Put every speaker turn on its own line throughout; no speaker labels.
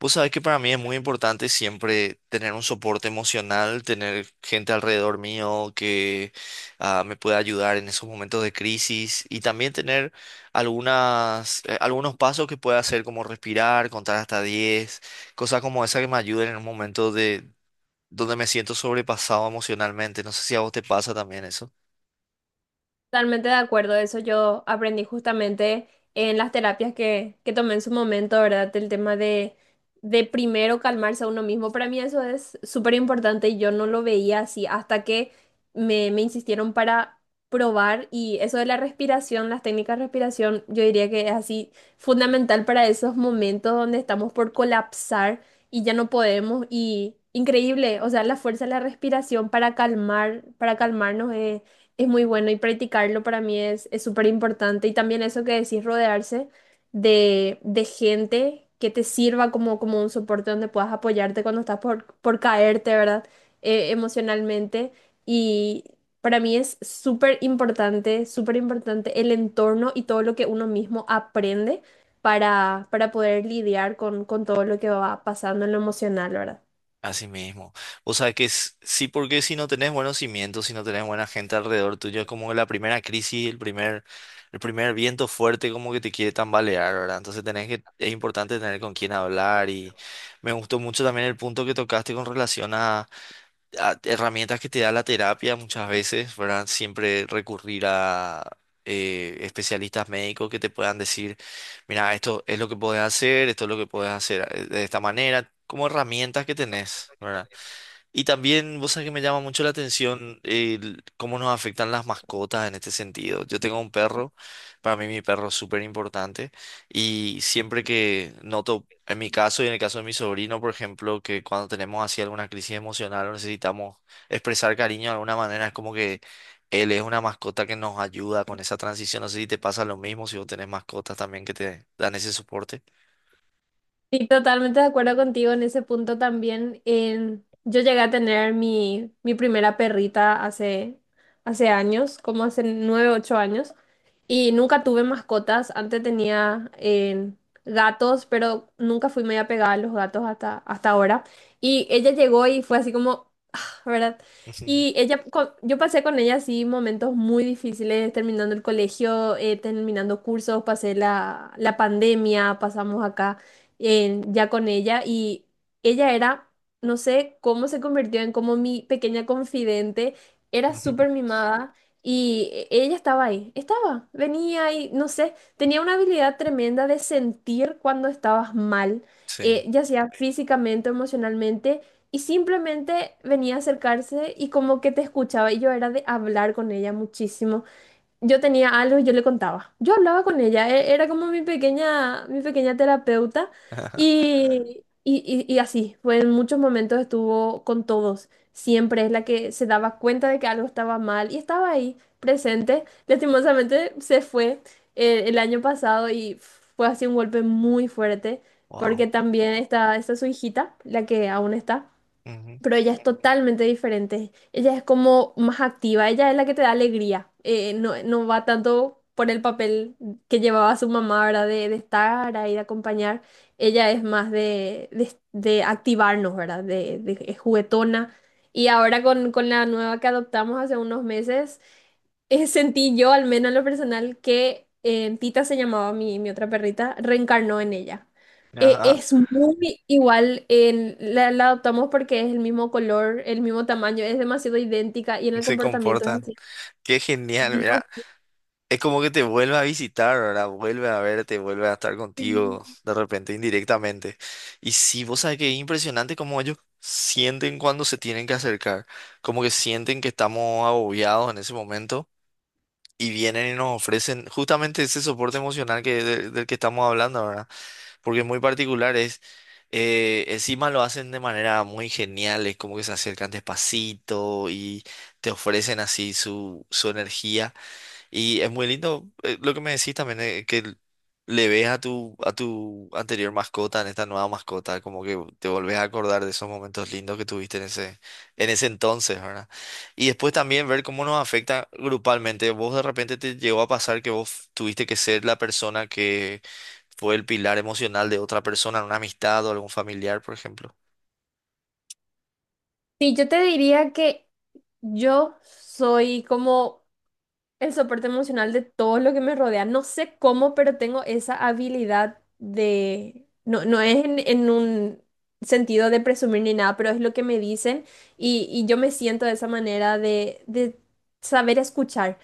Vos sabés que para mí es muy importante siempre tener un soporte emocional, tener gente alrededor mío que me pueda ayudar en esos momentos de crisis y también tener algunas, algunos pasos que pueda hacer como respirar, contar hasta 10, cosas como esa que me ayuden en un momento de donde me siento sobrepasado emocionalmente. No sé si a vos te pasa también eso.
Totalmente de acuerdo, eso yo aprendí justamente en las terapias que tomé en su momento, ¿verdad? El tema de primero calmarse a uno mismo, para mí eso es súper importante y yo no lo veía así hasta que me insistieron para probar y eso de la respiración, las técnicas de respiración, yo diría que es así fundamental para esos momentos donde estamos por colapsar y ya no podemos y increíble, o sea, la fuerza de la respiración para calmar, para calmarnos. Es muy bueno y practicarlo para mí es súper importante. Y también eso que decís, rodearse de gente que te sirva como, como un soporte donde puedas apoyarte cuando estás por caerte, ¿verdad? Emocionalmente. Y para mí es súper importante el entorno y todo lo que uno mismo aprende para poder lidiar con todo lo que va pasando en lo emocional, ¿verdad?
Así mismo. O sea que sí, porque si no tenés buenos cimientos, si no tenés buena gente alrededor tuyo, es como la primera crisis, el primer viento fuerte como que te quiere tambalear, ¿verdad? Entonces tenés que, es importante tener con quién hablar y me gustó mucho también el punto que tocaste con relación a herramientas que te da la terapia muchas veces, ¿verdad? Siempre recurrir a especialistas médicos que te puedan decir, mira, esto es lo que puedes hacer, esto es lo que puedes hacer de esta manera, como herramientas que tenés, ¿verdad? Y también, vos sabés que me llama mucho la atención el cómo nos afectan las mascotas en este sentido. Yo tengo un perro, para mí mi perro es súper importante y siempre que noto, en mi caso y en el caso de mi sobrino, por ejemplo, que cuando tenemos así alguna crisis emocional o necesitamos expresar cariño de alguna manera, es como que él es una mascota que nos ayuda con esa transición. No sé si te pasa lo mismo, si vos tenés mascotas también que te dan ese soporte.
Sí, totalmente de acuerdo contigo en ese punto también. Yo llegué a tener mi, mi primera perrita hace, hace años, como hace 9, 8 años, y nunca tuve mascotas. Antes tenía gatos, pero nunca fui muy apegada a los gatos hasta, hasta ahora. Y ella llegó y fue así como ¿verdad? Y ella, yo pasé con ella así momentos muy difíciles, terminando el colegio, terminando cursos, pasé la, la pandemia, pasamos acá ya con ella y ella era, no sé cómo se convirtió en como mi pequeña confidente, era
Ujú.
súper mimada y ella estaba ahí, estaba, venía y no sé, tenía una habilidad tremenda de sentir cuando estabas mal,
Sí.
ya sea físicamente o emocionalmente. Y simplemente venía a acercarse y como que te escuchaba y yo era de hablar con ella muchísimo. Yo tenía algo y yo le contaba. Yo hablaba con ella, era como mi pequeña terapeuta y así, fue en muchos momentos estuvo con todos. Siempre es la que se daba cuenta de que algo estaba mal y estaba ahí, presente. Lastimosamente se fue el año pasado y fue así un golpe muy fuerte
Wow.
porque también está, está su hijita, la que aún está,
Ujú.
pero ella es totalmente diferente. Ella es como más activa, ella es la que te da alegría. No, no va tanto por el papel que llevaba su mamá, ¿verdad? De estar ahí, de acompañar. Ella es más de activarnos, ¿verdad? Es juguetona. Y ahora con la nueva que adoptamos hace unos meses, sentí yo, al menos en lo personal, que Tita se llamaba mi, mi otra perrita, reencarnó en ella.
Ajá,
Es muy igual, la, la adoptamos porque es el mismo color, el mismo tamaño, es demasiado idéntica y en el
se
comportamiento es
comportan.
así.
Qué genial,
Dios
mira, es como que te vuelve a visitar, ¿verdad? Vuelve a verte, vuelve a estar contigo
mío.
de repente indirectamente. Y sí, vos sabés que es impresionante cómo ellos sienten cuando se tienen que acercar, como que sienten que estamos agobiados en ese momento y vienen y nos ofrecen justamente ese soporte emocional que, del, del que estamos hablando, ¿verdad? Porque es muy particular, es, encima lo hacen de manera muy genial, es como que se acercan despacito y te ofrecen así su, su energía. Y es muy lindo lo que me decís también, que le ves a tu anterior mascota, en esta nueva mascota, como que te volvés a acordar de esos momentos lindos que tuviste en ese entonces, ¿verdad? Y después también ver cómo nos afecta grupalmente. Vos de repente te llegó a pasar que vos tuviste que ser la persona que fue el pilar emocional de otra persona, en una amistad o algún familiar, por ejemplo.
Sí, yo te diría que yo soy como el soporte emocional de todo lo que me rodea. No sé cómo, pero tengo esa habilidad de... No, no es en un sentido de presumir ni nada, pero es lo que me dicen y yo me siento de esa manera de saber escuchar.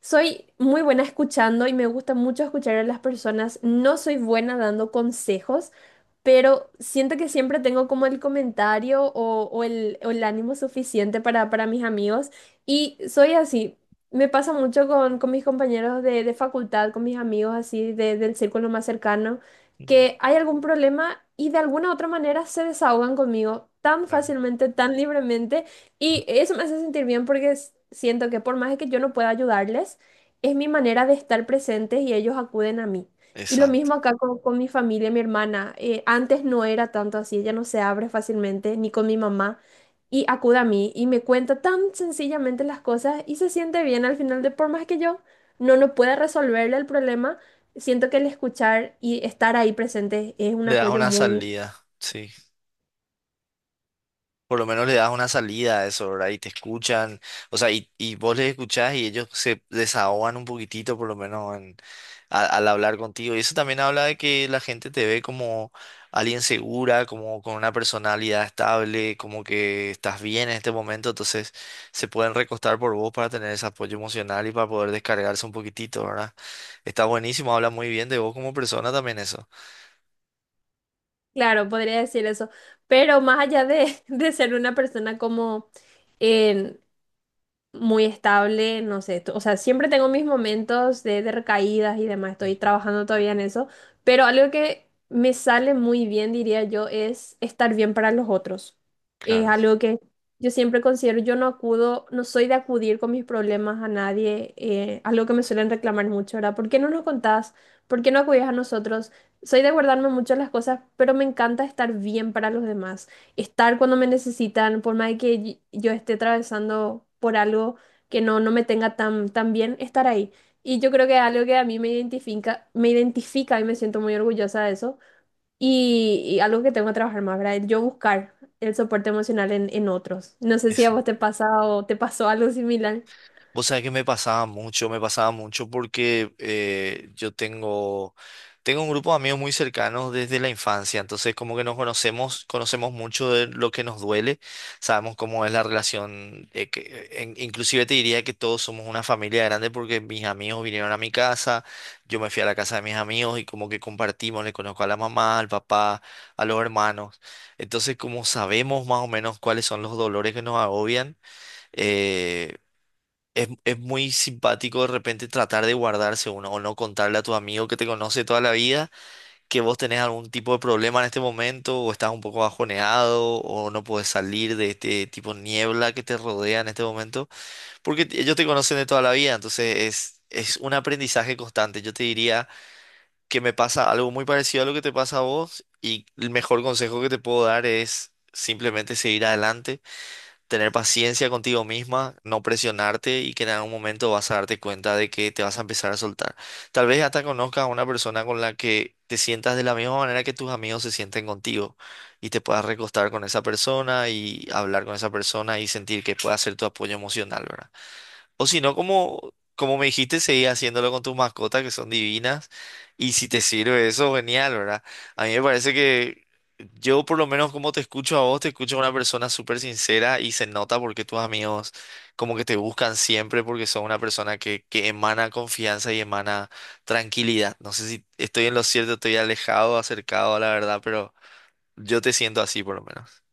Soy muy buena escuchando y me gusta mucho escuchar a las personas. No soy buena dando consejos, pero siento que siempre tengo como el comentario o el ánimo suficiente para mis amigos y soy así. Me pasa mucho con mis compañeros de facultad, con mis amigos así del círculo más cercano,
Mm.
que hay algún problema y de alguna otra manera se desahogan conmigo tan
Claro.
fácilmente, tan libremente y eso me hace sentir bien porque siento que por más que yo no pueda ayudarles, es mi manera de estar presentes y ellos acuden a mí. Y lo
Exacto.
mismo acá con mi familia, mi hermana. Antes no era tanto así, ella no se abre fácilmente, ni con mi mamá. Y acude a mí y me cuenta tan sencillamente las cosas y se siente bien al final de por más que yo no, no pueda resolverle el problema, siento que el escuchar y estar ahí presente es un
Le das
apoyo
una
muy
salida, sí. Por lo menos le das una salida a eso, ¿verdad? Y te escuchan, o sea, y vos les escuchás y ellos se desahogan un poquitito, por lo menos al hablar contigo. Y eso también habla de que la gente te ve como alguien segura, como con una personalidad estable, como que estás bien en este momento, entonces se pueden recostar por vos para tener ese apoyo emocional y para poder descargarse un poquitito, ¿verdad? Está buenísimo, habla muy bien de vos como persona también eso.
claro, podría decir eso. Pero más allá de, de ser una persona como... em, muy estable, no sé, o sea, siempre tengo mis momentos de recaídas y demás, estoy trabajando todavía en eso, pero algo que me sale muy bien, diría yo, es estar bien para los otros. Es
Claro.
algo que yo siempre considero, yo no acudo, no soy de acudir con mis problemas a nadie, algo que me suelen reclamar mucho, ¿verdad? ¿Por qué no nos contás? ¿Por qué no acudís a nosotros? Soy de guardarme mucho las cosas, pero me encanta estar bien para los demás, estar cuando me necesitan, por más de que yo esté atravesando por algo que no, no me tenga tan, tan bien, estar ahí. Y yo creo que es algo que a mí me identifica y me siento muy orgullosa de eso. Y algo que tengo que trabajar más, ¿verdad? Yo buscar el soporte emocional en otros. No sé si a
Eso.
vos te pasa o te pasó algo similar.
Vos sabés que me pasaba mucho porque yo tengo, tengo un grupo de amigos muy cercanos desde la infancia, entonces como que nos conocemos, conocemos mucho de lo que nos duele, sabemos cómo es la relación, inclusive te diría que todos somos una familia grande porque mis amigos vinieron a mi casa, yo me fui a la casa de mis amigos y como que compartimos, le conozco a la mamá, al papá, a los hermanos, entonces como sabemos más o menos cuáles son los dolores que nos agobian, eh, es muy simpático de repente tratar de guardarse uno o no contarle a tu amigo que te conoce toda la vida que vos tenés algún tipo de problema en este momento o estás un poco bajoneado o no puedes salir de este tipo de niebla que te rodea en este momento porque ellos te conocen de toda la vida, entonces es un aprendizaje constante. Yo te diría que me pasa algo muy parecido a lo que te pasa a vos y el mejor consejo que te puedo dar es simplemente seguir adelante tener paciencia contigo misma, no presionarte y que en algún momento vas a darte cuenta de que te vas a empezar a soltar. Tal vez hasta conozcas a una persona con la que te sientas de la misma manera que tus amigos se sienten contigo y te puedas recostar con esa persona y hablar con esa persona y sentir que pueda ser tu apoyo emocional, ¿verdad? O si no, como, como me dijiste, seguí haciéndolo con tus mascotas que son divinas. Y si te sirve eso, genial, ¿verdad? A mí me parece que yo, por lo menos, como te escucho a vos, te escucho a una persona súper sincera y se nota porque tus amigos como que te buscan siempre porque son una persona que emana confianza y emana tranquilidad. No sé si estoy en lo cierto, estoy alejado, acercado a la verdad, pero yo te siento así, por lo menos.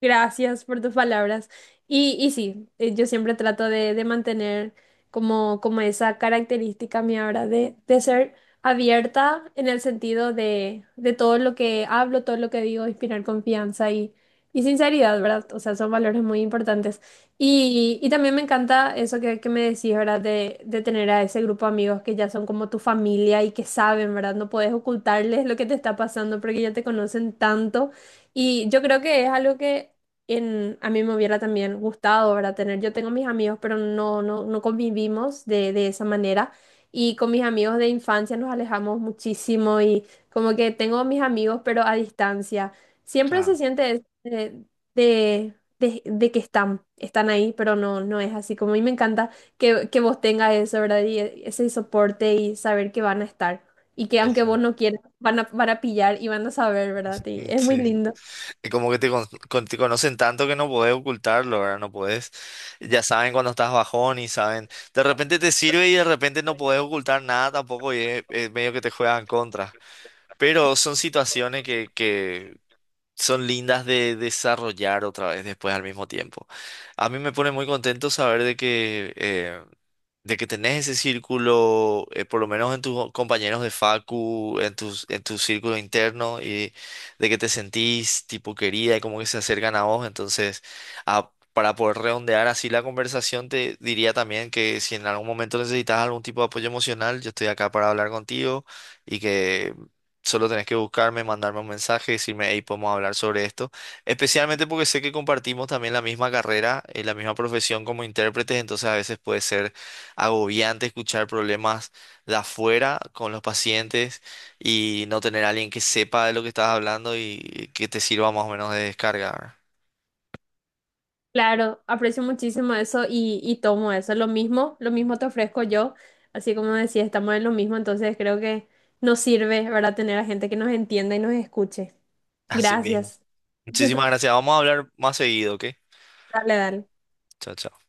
Gracias por tus palabras. Y sí, yo siempre trato de mantener como, como esa característica mía ahora de ser abierta en el sentido de todo lo que hablo, todo lo que digo, inspirar confianza y sinceridad, ¿verdad? O sea, son valores muy importantes. Y también me encanta eso que me decís, ¿verdad? De tener a ese grupo de amigos que ya son como tu familia y que saben, ¿verdad? No puedes ocultarles lo que te está pasando porque ya te conocen tanto y yo creo que es algo que en, a mí me hubiera también gustado, ¿verdad? Tener. Yo tengo mis amigos, pero no convivimos de esa manera. Y con mis amigos de infancia nos alejamos muchísimo y como que tengo mis amigos, pero a distancia. Siempre se
Claro,
siente de, de que están, están ahí, pero no, no es así. Como a mí me encanta que vos tengas eso, ¿verdad? Y ese soporte y saber que van a estar. Y que aunque vos
exacto.
no quieras, van a, van a pillar y van a saber, ¿verdad? Y es muy
Sí.
lindo.
Y como que te, te conocen tanto que no podés ocultarlo, ¿verdad? No podés. Ya saben cuando estás bajón y saben. De repente te sirve y de repente no podés ocultar nada tampoco y es medio que te juegan contra. Pero son situaciones que son lindas de desarrollar otra vez después al mismo tiempo. A mí me pone muy contento saber de que tenés ese círculo, por lo menos en tus compañeros de facu, en tus, en tu círculo interno, y de que te sentís tipo querida y como que se acercan a vos. Entonces, para poder redondear así la conversación, te diría también que si en algún momento necesitas algún tipo de apoyo emocional, yo estoy acá para hablar contigo y que... Solo tenés que buscarme, mandarme un mensaje, decirme, hey, podemos hablar sobre esto. Especialmente porque sé que compartimos también la misma carrera, la misma profesión como intérpretes, entonces a veces puede ser agobiante escuchar problemas de afuera con los pacientes y no tener a alguien que sepa de lo que estás hablando y que te sirva más o menos de descarga, ¿verdad?
Claro, aprecio muchísimo eso y tomo eso. Lo mismo te ofrezco yo. Así como decía, estamos en lo mismo, entonces creo que nos sirve, ¿verdad? Tener a gente que nos entienda y nos escuche.
Así mismo.
Gracias.
Muchísimas gracias. Vamos a hablar más seguido, ¿ok?
Dale, dale.
Chao, chao.